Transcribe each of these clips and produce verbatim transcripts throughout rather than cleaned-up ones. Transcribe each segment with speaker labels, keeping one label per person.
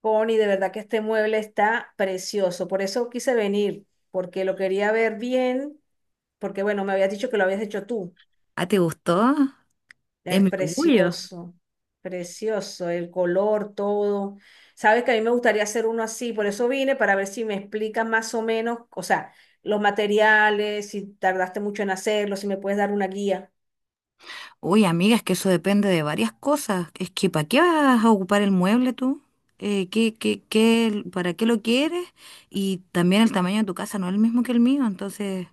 Speaker 1: Connie, de verdad que este mueble está precioso. Por eso quise venir, porque lo quería ver bien, porque bueno, me habías dicho que lo habías hecho tú.
Speaker 2: Ah, ¿te gustó? Es
Speaker 1: Es
Speaker 2: mi orgullo.
Speaker 1: precioso, precioso, el color, todo. Sabes que a mí me gustaría hacer uno así, por eso vine para ver si me explicas más o menos, o sea, los materiales, si tardaste mucho en hacerlo, si me puedes dar una guía.
Speaker 2: Uy, amiga, es que eso depende de varias cosas. Es que ¿para qué vas a ocupar el mueble tú? Eh, ¿qué, qué, qué, para qué lo quieres? Y también el tamaño de tu casa no es el mismo que el mío, entonces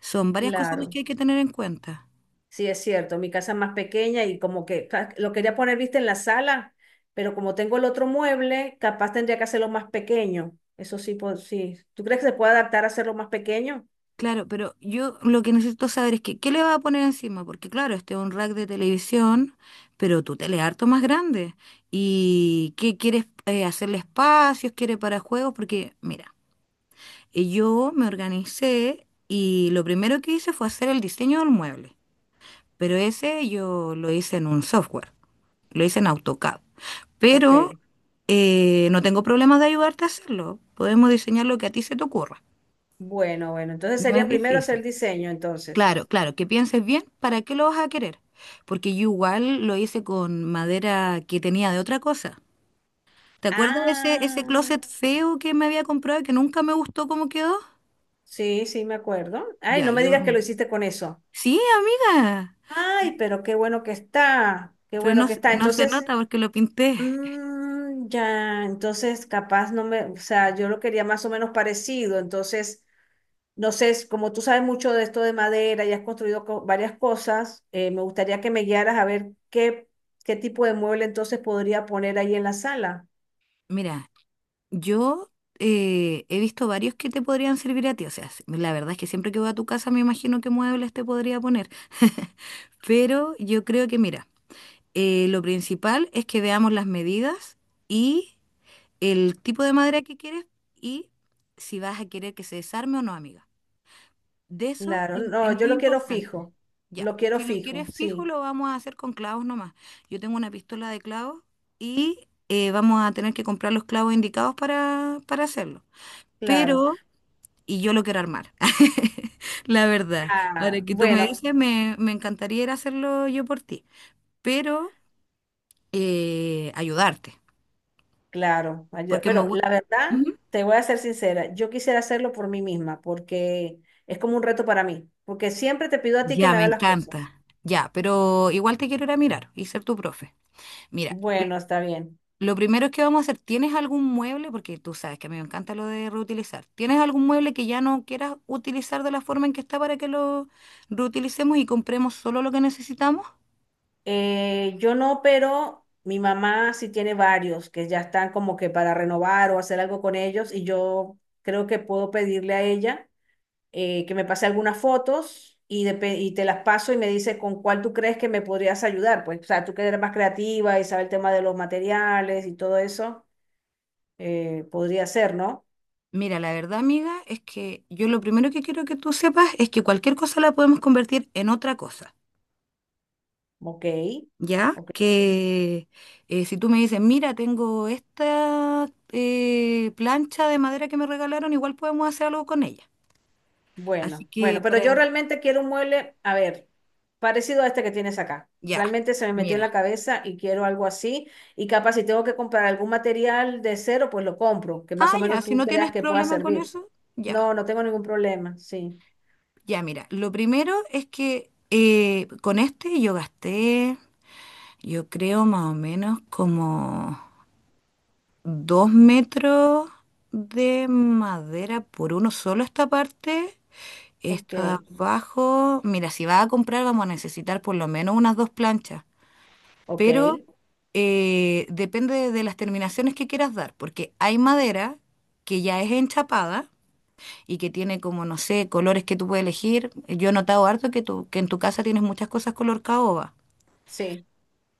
Speaker 2: son varias cosas las
Speaker 1: Claro.
Speaker 2: que hay que tener en cuenta.
Speaker 1: Sí, es cierto, mi casa es más pequeña y como que ca- lo quería poner, viste, en la sala, pero como tengo el otro mueble, capaz tendría que hacerlo más pequeño. Eso sí, pues, sí. ¿Tú crees que se puede adaptar a hacerlo más pequeño?
Speaker 2: Claro, pero yo lo que necesito saber es que ¿qué le vas a poner encima? Porque claro, este es un rack de televisión, pero tu tele es harto más grande. ¿Y qué quieres eh, hacerle espacios? ¿Quieres para juegos? Porque mira. Y yo me organicé y lo primero que hice fue hacer el diseño del mueble, pero ese yo lo hice en un software, lo hice en AutoCAD.
Speaker 1: Ok,
Speaker 2: Pero eh, no tengo problemas de ayudarte a hacerlo, podemos diseñar lo que a ti se te ocurra,
Speaker 1: bueno, bueno, entonces
Speaker 2: no
Speaker 1: sería
Speaker 2: es
Speaker 1: primero hacer el
Speaker 2: difícil.
Speaker 1: diseño, entonces.
Speaker 2: Claro, claro, que pienses bien para qué lo vas a querer, porque yo igual lo hice con madera que tenía de otra cosa. ¿Te acuerdas de ese, ese
Speaker 1: Ah,
Speaker 2: closet feo que me había comprado y que nunca me gustó cómo quedó?
Speaker 1: sí, sí, me acuerdo. Ay,
Speaker 2: Ya,
Speaker 1: no me
Speaker 2: yo...
Speaker 1: digas que lo hiciste con eso.
Speaker 2: Sí, amiga.
Speaker 1: Ay, pero qué bueno que está, qué
Speaker 2: Pero
Speaker 1: bueno
Speaker 2: no,
Speaker 1: que
Speaker 2: se-
Speaker 1: está.
Speaker 2: no se
Speaker 1: Entonces,
Speaker 2: nota porque lo pinté.
Speaker 1: mm, ya, entonces capaz no me, o sea, yo lo quería más o menos parecido, entonces. No sé, como tú sabes mucho de esto de madera y has construido co- varias cosas, eh, me gustaría que me guiaras a ver qué, qué tipo de mueble entonces podría poner ahí en la sala.
Speaker 2: Mira, yo eh, he visto varios que te podrían servir a ti. O sea, s- la verdad es que siempre que voy a tu casa me imagino qué muebles te podría poner. Pero yo creo que, mira, eh, lo principal es que veamos las medidas y el tipo de madera que quieres y si vas a querer que se desarme o no, amiga. De eso
Speaker 1: Claro,
Speaker 2: es, es
Speaker 1: no, yo
Speaker 2: muy
Speaker 1: lo quiero
Speaker 2: importante.
Speaker 1: fijo,
Speaker 2: Ya,
Speaker 1: lo quiero
Speaker 2: si lo
Speaker 1: fijo,
Speaker 2: quieres fijo,
Speaker 1: sí,
Speaker 2: lo vamos a hacer con clavos nomás. Yo tengo una pistola de clavos y eh, vamos a tener que comprar los clavos indicados para, para hacerlo.
Speaker 1: claro.
Speaker 2: Pero, y yo lo quiero armar, la verdad. Ahora
Speaker 1: Ah,
Speaker 2: que tú me
Speaker 1: bueno,
Speaker 2: dices, me, me encantaría ir a hacerlo yo por ti, pero eh, ayudarte,
Speaker 1: claro. Ay,
Speaker 2: porque me,
Speaker 1: bueno,
Speaker 2: gu-
Speaker 1: la verdad, te voy a ser sincera, yo quisiera hacerlo por mí misma porque es como un reto para mí, porque siempre te pido a ti que
Speaker 2: ya
Speaker 1: me
Speaker 2: me
Speaker 1: hagas las cosas.
Speaker 2: encanta. Ya, pero igual te quiero ir a mirar y ser tu profe. Mira,
Speaker 1: Bueno, está bien.
Speaker 2: lo primero que vamos a hacer, ¿tienes algún mueble? Porque tú sabes que a mí me encanta lo de reutilizar. ¿Tienes algún mueble que ya no quieras utilizar de la forma en que está para que lo reutilicemos y compremos solo lo que necesitamos?
Speaker 1: Eh, yo no, pero mi mamá sí tiene varios que ya están como que para renovar o hacer algo con ellos y yo creo que puedo pedirle a ella eh, que me pase algunas fotos y, depe- y te las paso y me dice con cuál tú crees que me podrías ayudar. Pues, o sea, tú que eres más creativa y sabes el tema de los materiales y todo eso, eh, podría ser, ¿no?
Speaker 2: Mira, la verdad, amiga, es que yo lo primero que quiero que tú sepas es que cualquier cosa la podemos convertir en otra cosa,
Speaker 1: Ok,
Speaker 2: ¿ya?
Speaker 1: ok. Ok.
Speaker 2: Que eh, si tú me dices, mira, tengo esta eh, plancha de madera que me regalaron, igual podemos hacer algo con ella. Así
Speaker 1: Bueno,
Speaker 2: que,
Speaker 1: bueno, pero yo
Speaker 2: para...
Speaker 1: realmente quiero un mueble, a ver, parecido a este que tienes acá.
Speaker 2: ya,
Speaker 1: Realmente se me metió en la
Speaker 2: mira.
Speaker 1: cabeza y quiero algo así. Y capaz si tengo que comprar algún material de cero, pues lo compro, que más
Speaker 2: Ah,
Speaker 1: o
Speaker 2: ya,
Speaker 1: menos
Speaker 2: si
Speaker 1: tú
Speaker 2: no tienes
Speaker 1: creas que pueda
Speaker 2: problema con
Speaker 1: servir.
Speaker 2: eso, ya.
Speaker 1: No, no tengo ningún problema, sí.
Speaker 2: Ya, mira, lo primero es que eh, con este yo gasté, yo creo más o menos como dos metros de madera por uno solo esta parte.
Speaker 1: Ok,
Speaker 2: Esto de abajo, mira, si vas a comprar vamos a necesitar por lo menos unas dos planchas,
Speaker 1: ok,
Speaker 2: pero eh, depende de las terminaciones que quieras dar, porque hay madera que ya es enchapada y que tiene como, no sé, colores que tú puedes elegir. Yo he notado harto que, tú, que en tu casa tienes muchas cosas color caoba,
Speaker 1: sí.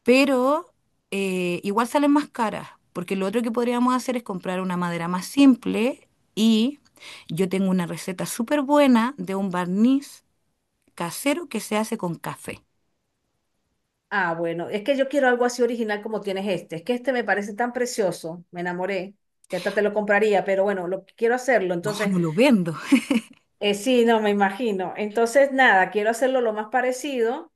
Speaker 2: pero eh, igual salen más caras, porque lo otro que podríamos hacer es comprar una madera más simple y yo tengo una receta súper buena de un barniz casero que se hace con café.
Speaker 1: Ah, bueno, es que yo quiero algo así original como tienes este. Es que este me parece tan precioso, me enamoré, que hasta te lo compraría, pero bueno, lo quiero hacerlo.
Speaker 2: No,
Speaker 1: Entonces,
Speaker 2: no lo vendo.
Speaker 1: Eh, sí, no, me imagino. Entonces, nada, quiero hacerlo lo más parecido.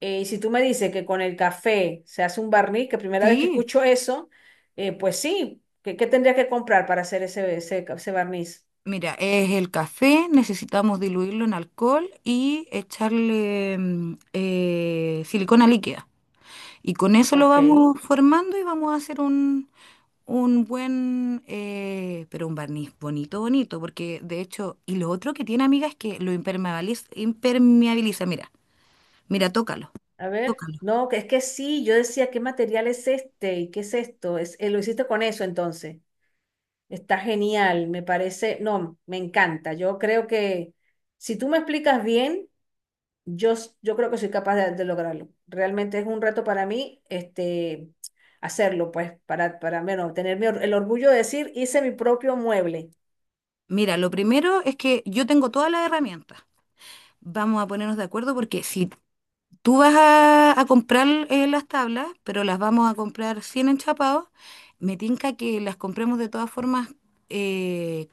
Speaker 1: Eh, y si tú me dices que con el café se hace un barniz, que primera vez que
Speaker 2: Sí,
Speaker 1: escucho eso, eh, pues sí, ¿qué, qué tendría que comprar para hacer ese, ese, ese barniz?
Speaker 2: mira, es el café, necesitamos diluirlo en alcohol y echarle mm, eh, silicona líquida. Y con eso lo
Speaker 1: Ok,
Speaker 2: vamos formando y vamos a hacer un, un buen, eh, pero un barniz bonito, bonito, porque de hecho, y lo otro que tiene, amiga, es que lo impermeabiliza, impermeabiliza. Mira, mira, tócalo,
Speaker 1: a ver.
Speaker 2: tócalo.
Speaker 1: No, que es que sí, yo decía, ¿qué material es este? ¿Y qué es esto? Es, eh, lo hiciste con eso entonces. Está genial, me parece, no, me encanta. Yo creo que si tú me explicas bien... Yo, s- yo creo que soy capaz de, de lograrlo. Realmente es un reto para mí, este, hacerlo, pues, para, para, bueno, tener mi or- el orgullo de decir, hice mi propio mueble.
Speaker 2: Mira, lo primero es que yo tengo todas las herramientas. Vamos a ponernos de acuerdo porque si tú vas a, a comprar eh, las tablas, pero las vamos a comprar sin enchapados, me tinca que las compremos de todas formas eh,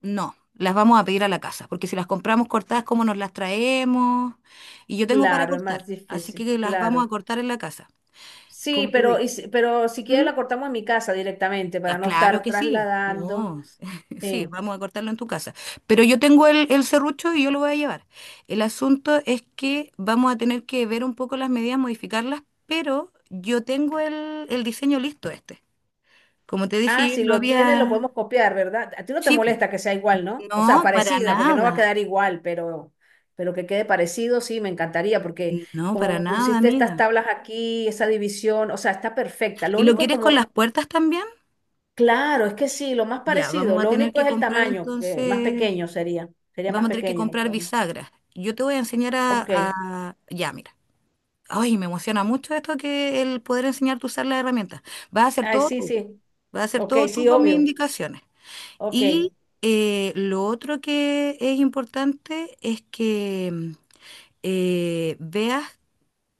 Speaker 2: no, las vamos a pedir a la casa, porque si las compramos cortadas, ¿cómo nos las traemos? Y yo tengo para
Speaker 1: Claro, es
Speaker 2: cortar,
Speaker 1: más
Speaker 2: así
Speaker 1: difícil,
Speaker 2: que las vamos a
Speaker 1: claro.
Speaker 2: cortar en la casa,
Speaker 1: Sí,
Speaker 2: como te
Speaker 1: pero,
Speaker 2: dije.
Speaker 1: y si- pero si quieres la
Speaker 2: Ujú.
Speaker 1: cortamos en mi casa directamente
Speaker 2: Ah,
Speaker 1: para no
Speaker 2: claro
Speaker 1: estar
Speaker 2: que sí,
Speaker 1: trasladando.
Speaker 2: no, sí,
Speaker 1: Sí.
Speaker 2: vamos a cortarlo en tu casa. Pero yo tengo el, el serrucho y yo lo voy a llevar. El asunto es que vamos a tener que ver un poco las medidas, modificarlas, pero yo tengo el, el diseño listo este. Como te
Speaker 1: Ah,
Speaker 2: dije,
Speaker 1: si
Speaker 2: yo lo
Speaker 1: lo tiene, lo
Speaker 2: había...
Speaker 1: podemos copiar, ¿verdad? A ti no te
Speaker 2: Sí, po.
Speaker 1: molesta que sea igual, ¿no? O sea,
Speaker 2: No, para
Speaker 1: parecida, porque no va a
Speaker 2: nada,
Speaker 1: quedar igual, pero, pero que quede parecido, sí, me encantaría, porque
Speaker 2: no, para
Speaker 1: como
Speaker 2: nada,
Speaker 1: pusiste estas
Speaker 2: amiga.
Speaker 1: tablas aquí, esa división, o sea, está perfecta. Lo
Speaker 2: ¿Y lo
Speaker 1: único
Speaker 2: quieres con
Speaker 1: como,
Speaker 2: las puertas también?
Speaker 1: claro, es que sí, lo más
Speaker 2: Ya,
Speaker 1: parecido,
Speaker 2: vamos a
Speaker 1: lo
Speaker 2: tener
Speaker 1: único
Speaker 2: que
Speaker 1: es el
Speaker 2: comprar
Speaker 1: tamaño, que más
Speaker 2: entonces,
Speaker 1: pequeño sería, sería más
Speaker 2: vamos a tener que
Speaker 1: pequeño,
Speaker 2: comprar
Speaker 1: entonces.
Speaker 2: bisagras. Yo te voy a enseñar a,
Speaker 1: Ok,
Speaker 2: a- ya, mira. Ay, me emociona mucho esto que el poder enseñarte a usar las herramientas. Vas a hacer
Speaker 1: ay,
Speaker 2: todo
Speaker 1: sí,
Speaker 2: tú,
Speaker 1: sí,
Speaker 2: vas a hacer
Speaker 1: ok,
Speaker 2: todo tú
Speaker 1: sí,
Speaker 2: con mis
Speaker 1: obvio,
Speaker 2: indicaciones.
Speaker 1: ok,
Speaker 2: Y eh, lo otro que es importante es que mm, eh, veas,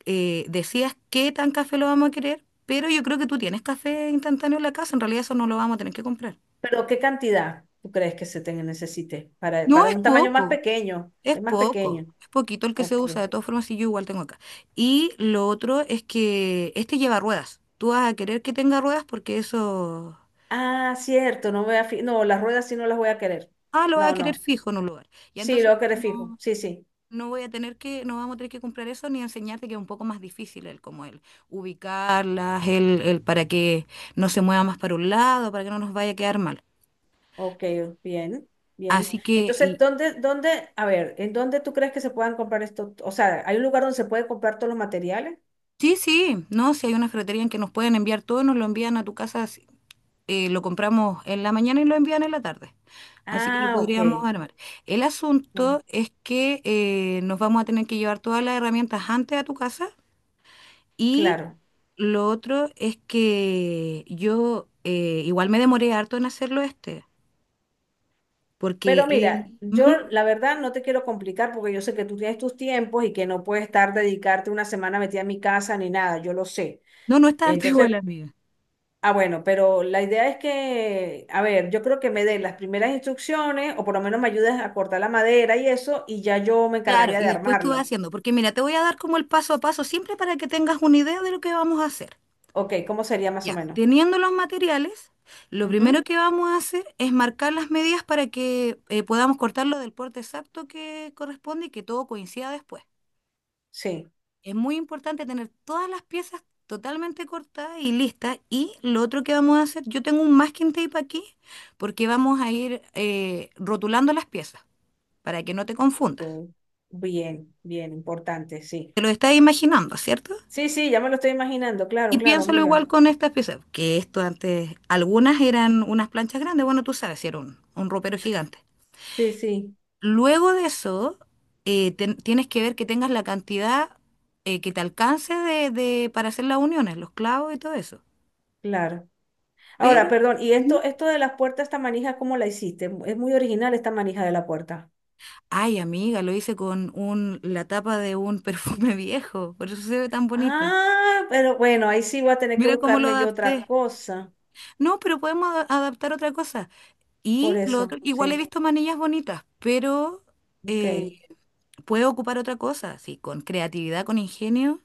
Speaker 2: eh, decías qué tan café lo vamos a querer, pero yo creo que tú tienes café instantáneo en la casa, en realidad eso no lo vamos a tener que comprar.
Speaker 1: pero ¿qué cantidad tú crees que se te necesite para,
Speaker 2: No,
Speaker 1: para
Speaker 2: es
Speaker 1: un tamaño más
Speaker 2: poco,
Speaker 1: pequeño?
Speaker 2: es
Speaker 1: Es más
Speaker 2: poco,
Speaker 1: pequeño,
Speaker 2: es poquito el que se
Speaker 1: ok.
Speaker 2: usa, de todas formas, y yo igual tengo acá. Y lo otro es que este lleva ruedas. Tú vas a querer que tenga ruedas porque eso,
Speaker 1: Ah, cierto, no voy a fi- no, las ruedas sí no las voy a querer.
Speaker 2: ah, lo vas a
Speaker 1: No,
Speaker 2: querer
Speaker 1: no.
Speaker 2: fijo en un lugar. Y
Speaker 1: Sí, lo
Speaker 2: entonces
Speaker 1: voy a querer fijo.
Speaker 2: no,
Speaker 1: Sí, sí.
Speaker 2: no voy a tener que, no vamos a tener que comprar eso ni enseñarte que es un poco más difícil el, como el ubicarlas, el, el para que no se mueva más para un lado, para que no nos vaya a quedar mal.
Speaker 1: Ok, bien, bien.
Speaker 2: Así que,
Speaker 1: Entonces,
Speaker 2: y,
Speaker 1: ¿dónde, dónde, a ver, en dónde tú crees que se puedan comprar esto? O sea, ¿hay un lugar donde se puede comprar todos los materiales?
Speaker 2: sí, sí, no, si hay una ferretería en que nos pueden enviar todo, nos lo envían a tu casa eh, lo compramos en la mañana y lo envían en la tarde. Así que lo
Speaker 1: Ah, ok.
Speaker 2: podríamos armar. El
Speaker 1: Bueno,
Speaker 2: asunto es que eh, nos vamos a tener que llevar todas las herramientas antes a tu casa y
Speaker 1: claro.
Speaker 2: lo otro es que yo eh, igual me demoré harto en hacerlo este, porque
Speaker 1: Pero mira,
Speaker 2: eh,
Speaker 1: yo
Speaker 2: ujú.
Speaker 1: la verdad no te quiero complicar porque yo sé que tú tienes tus tiempos y que no puedes estar dedicarte una semana metida en mi casa ni nada, yo lo sé.
Speaker 2: No, no es tanto igual,
Speaker 1: Entonces,
Speaker 2: amiga.
Speaker 1: ah, bueno, pero la idea es que, a ver, yo creo que me den las primeras instrucciones o por lo menos me ayudes a cortar la madera y eso y ya yo me
Speaker 2: Claro,
Speaker 1: encargaría
Speaker 2: y
Speaker 1: de
Speaker 2: después tú vas
Speaker 1: armarlo.
Speaker 2: haciendo, porque mira, te voy a dar como el paso a paso siempre para que tengas una idea de lo que vamos a hacer.
Speaker 1: Ok, ¿cómo sería más o
Speaker 2: Ya,
Speaker 1: menos?
Speaker 2: teniendo los materiales, lo primero
Speaker 1: Ujú,
Speaker 2: que vamos a hacer es marcar las medidas para que eh, podamos cortarlo del porte exacto que corresponde y que todo coincida después.
Speaker 1: sí,
Speaker 2: Es muy importante tener todas las piezas totalmente cortadas y listas. Y lo otro que vamos a hacer, yo tengo un masking tape aquí porque vamos a ir eh, rotulando las piezas para que no te confundas.
Speaker 1: ok, bien, bien, importante, sí.
Speaker 2: Te lo estás imaginando, ¿cierto?
Speaker 1: Sí, sí, ya me lo estoy imaginando, claro,
Speaker 2: Y
Speaker 1: claro,
Speaker 2: piénsalo
Speaker 1: amiga.
Speaker 2: igual con estas piezas, que esto antes, algunas eran unas planchas grandes, bueno, tú sabes, si era un, un ropero gigante.
Speaker 1: Sí, sí,
Speaker 2: Luego de eso, eh, ten- tienes que ver que tengas la cantidad eh, que te alcance de, de- para hacer las uniones, los clavos y todo eso.
Speaker 1: claro.
Speaker 2: Pero,
Speaker 1: Ahora, perdón, ¿y
Speaker 2: ujú.
Speaker 1: esto, esto de las puertas, esta manija, cómo la hiciste? Es muy original esta manija de la puerta.
Speaker 2: Ay, amiga, lo hice con un, la tapa de un perfume viejo, por eso se ve tan bonita.
Speaker 1: Ah, pero bueno, ahí sí voy a tener que
Speaker 2: Mira cómo lo
Speaker 1: buscarme yo otra
Speaker 2: adapté.
Speaker 1: cosa.
Speaker 2: No, pero podemos ada- adaptar otra cosa.
Speaker 1: Por
Speaker 2: Y lo otro,
Speaker 1: eso,
Speaker 2: igual he
Speaker 1: sí.
Speaker 2: visto manillas bonitas, pero
Speaker 1: Ok,
Speaker 2: eh, puedo ocupar otra cosa, sí, con creatividad, con ingenio.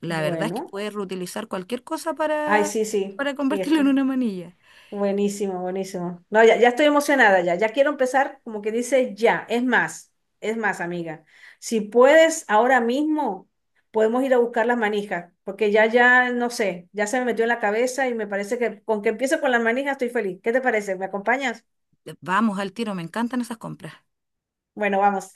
Speaker 2: La verdad es que
Speaker 1: bueno.
Speaker 2: puedes reutilizar cualquier cosa
Speaker 1: Ay,
Speaker 2: para,
Speaker 1: sí, sí,
Speaker 2: para
Speaker 1: sí,
Speaker 2: convertirlo
Speaker 1: esto
Speaker 2: en
Speaker 1: es
Speaker 2: una manilla.
Speaker 1: buenísimo, buenísimo. No, ya, ya estoy emocionada, ya, ya quiero empezar, como que dice, ya, es más, es más, amiga. Si puedes, ahora mismo podemos ir a buscar las manijas, porque ya, ya, no sé, ya se me metió en la cabeza y me parece que con que empiece con las manijas estoy feliz. ¿Qué te parece? ¿Me acompañas?
Speaker 2: Vamos al tiro, me encantan esas compras.
Speaker 1: Bueno, vamos.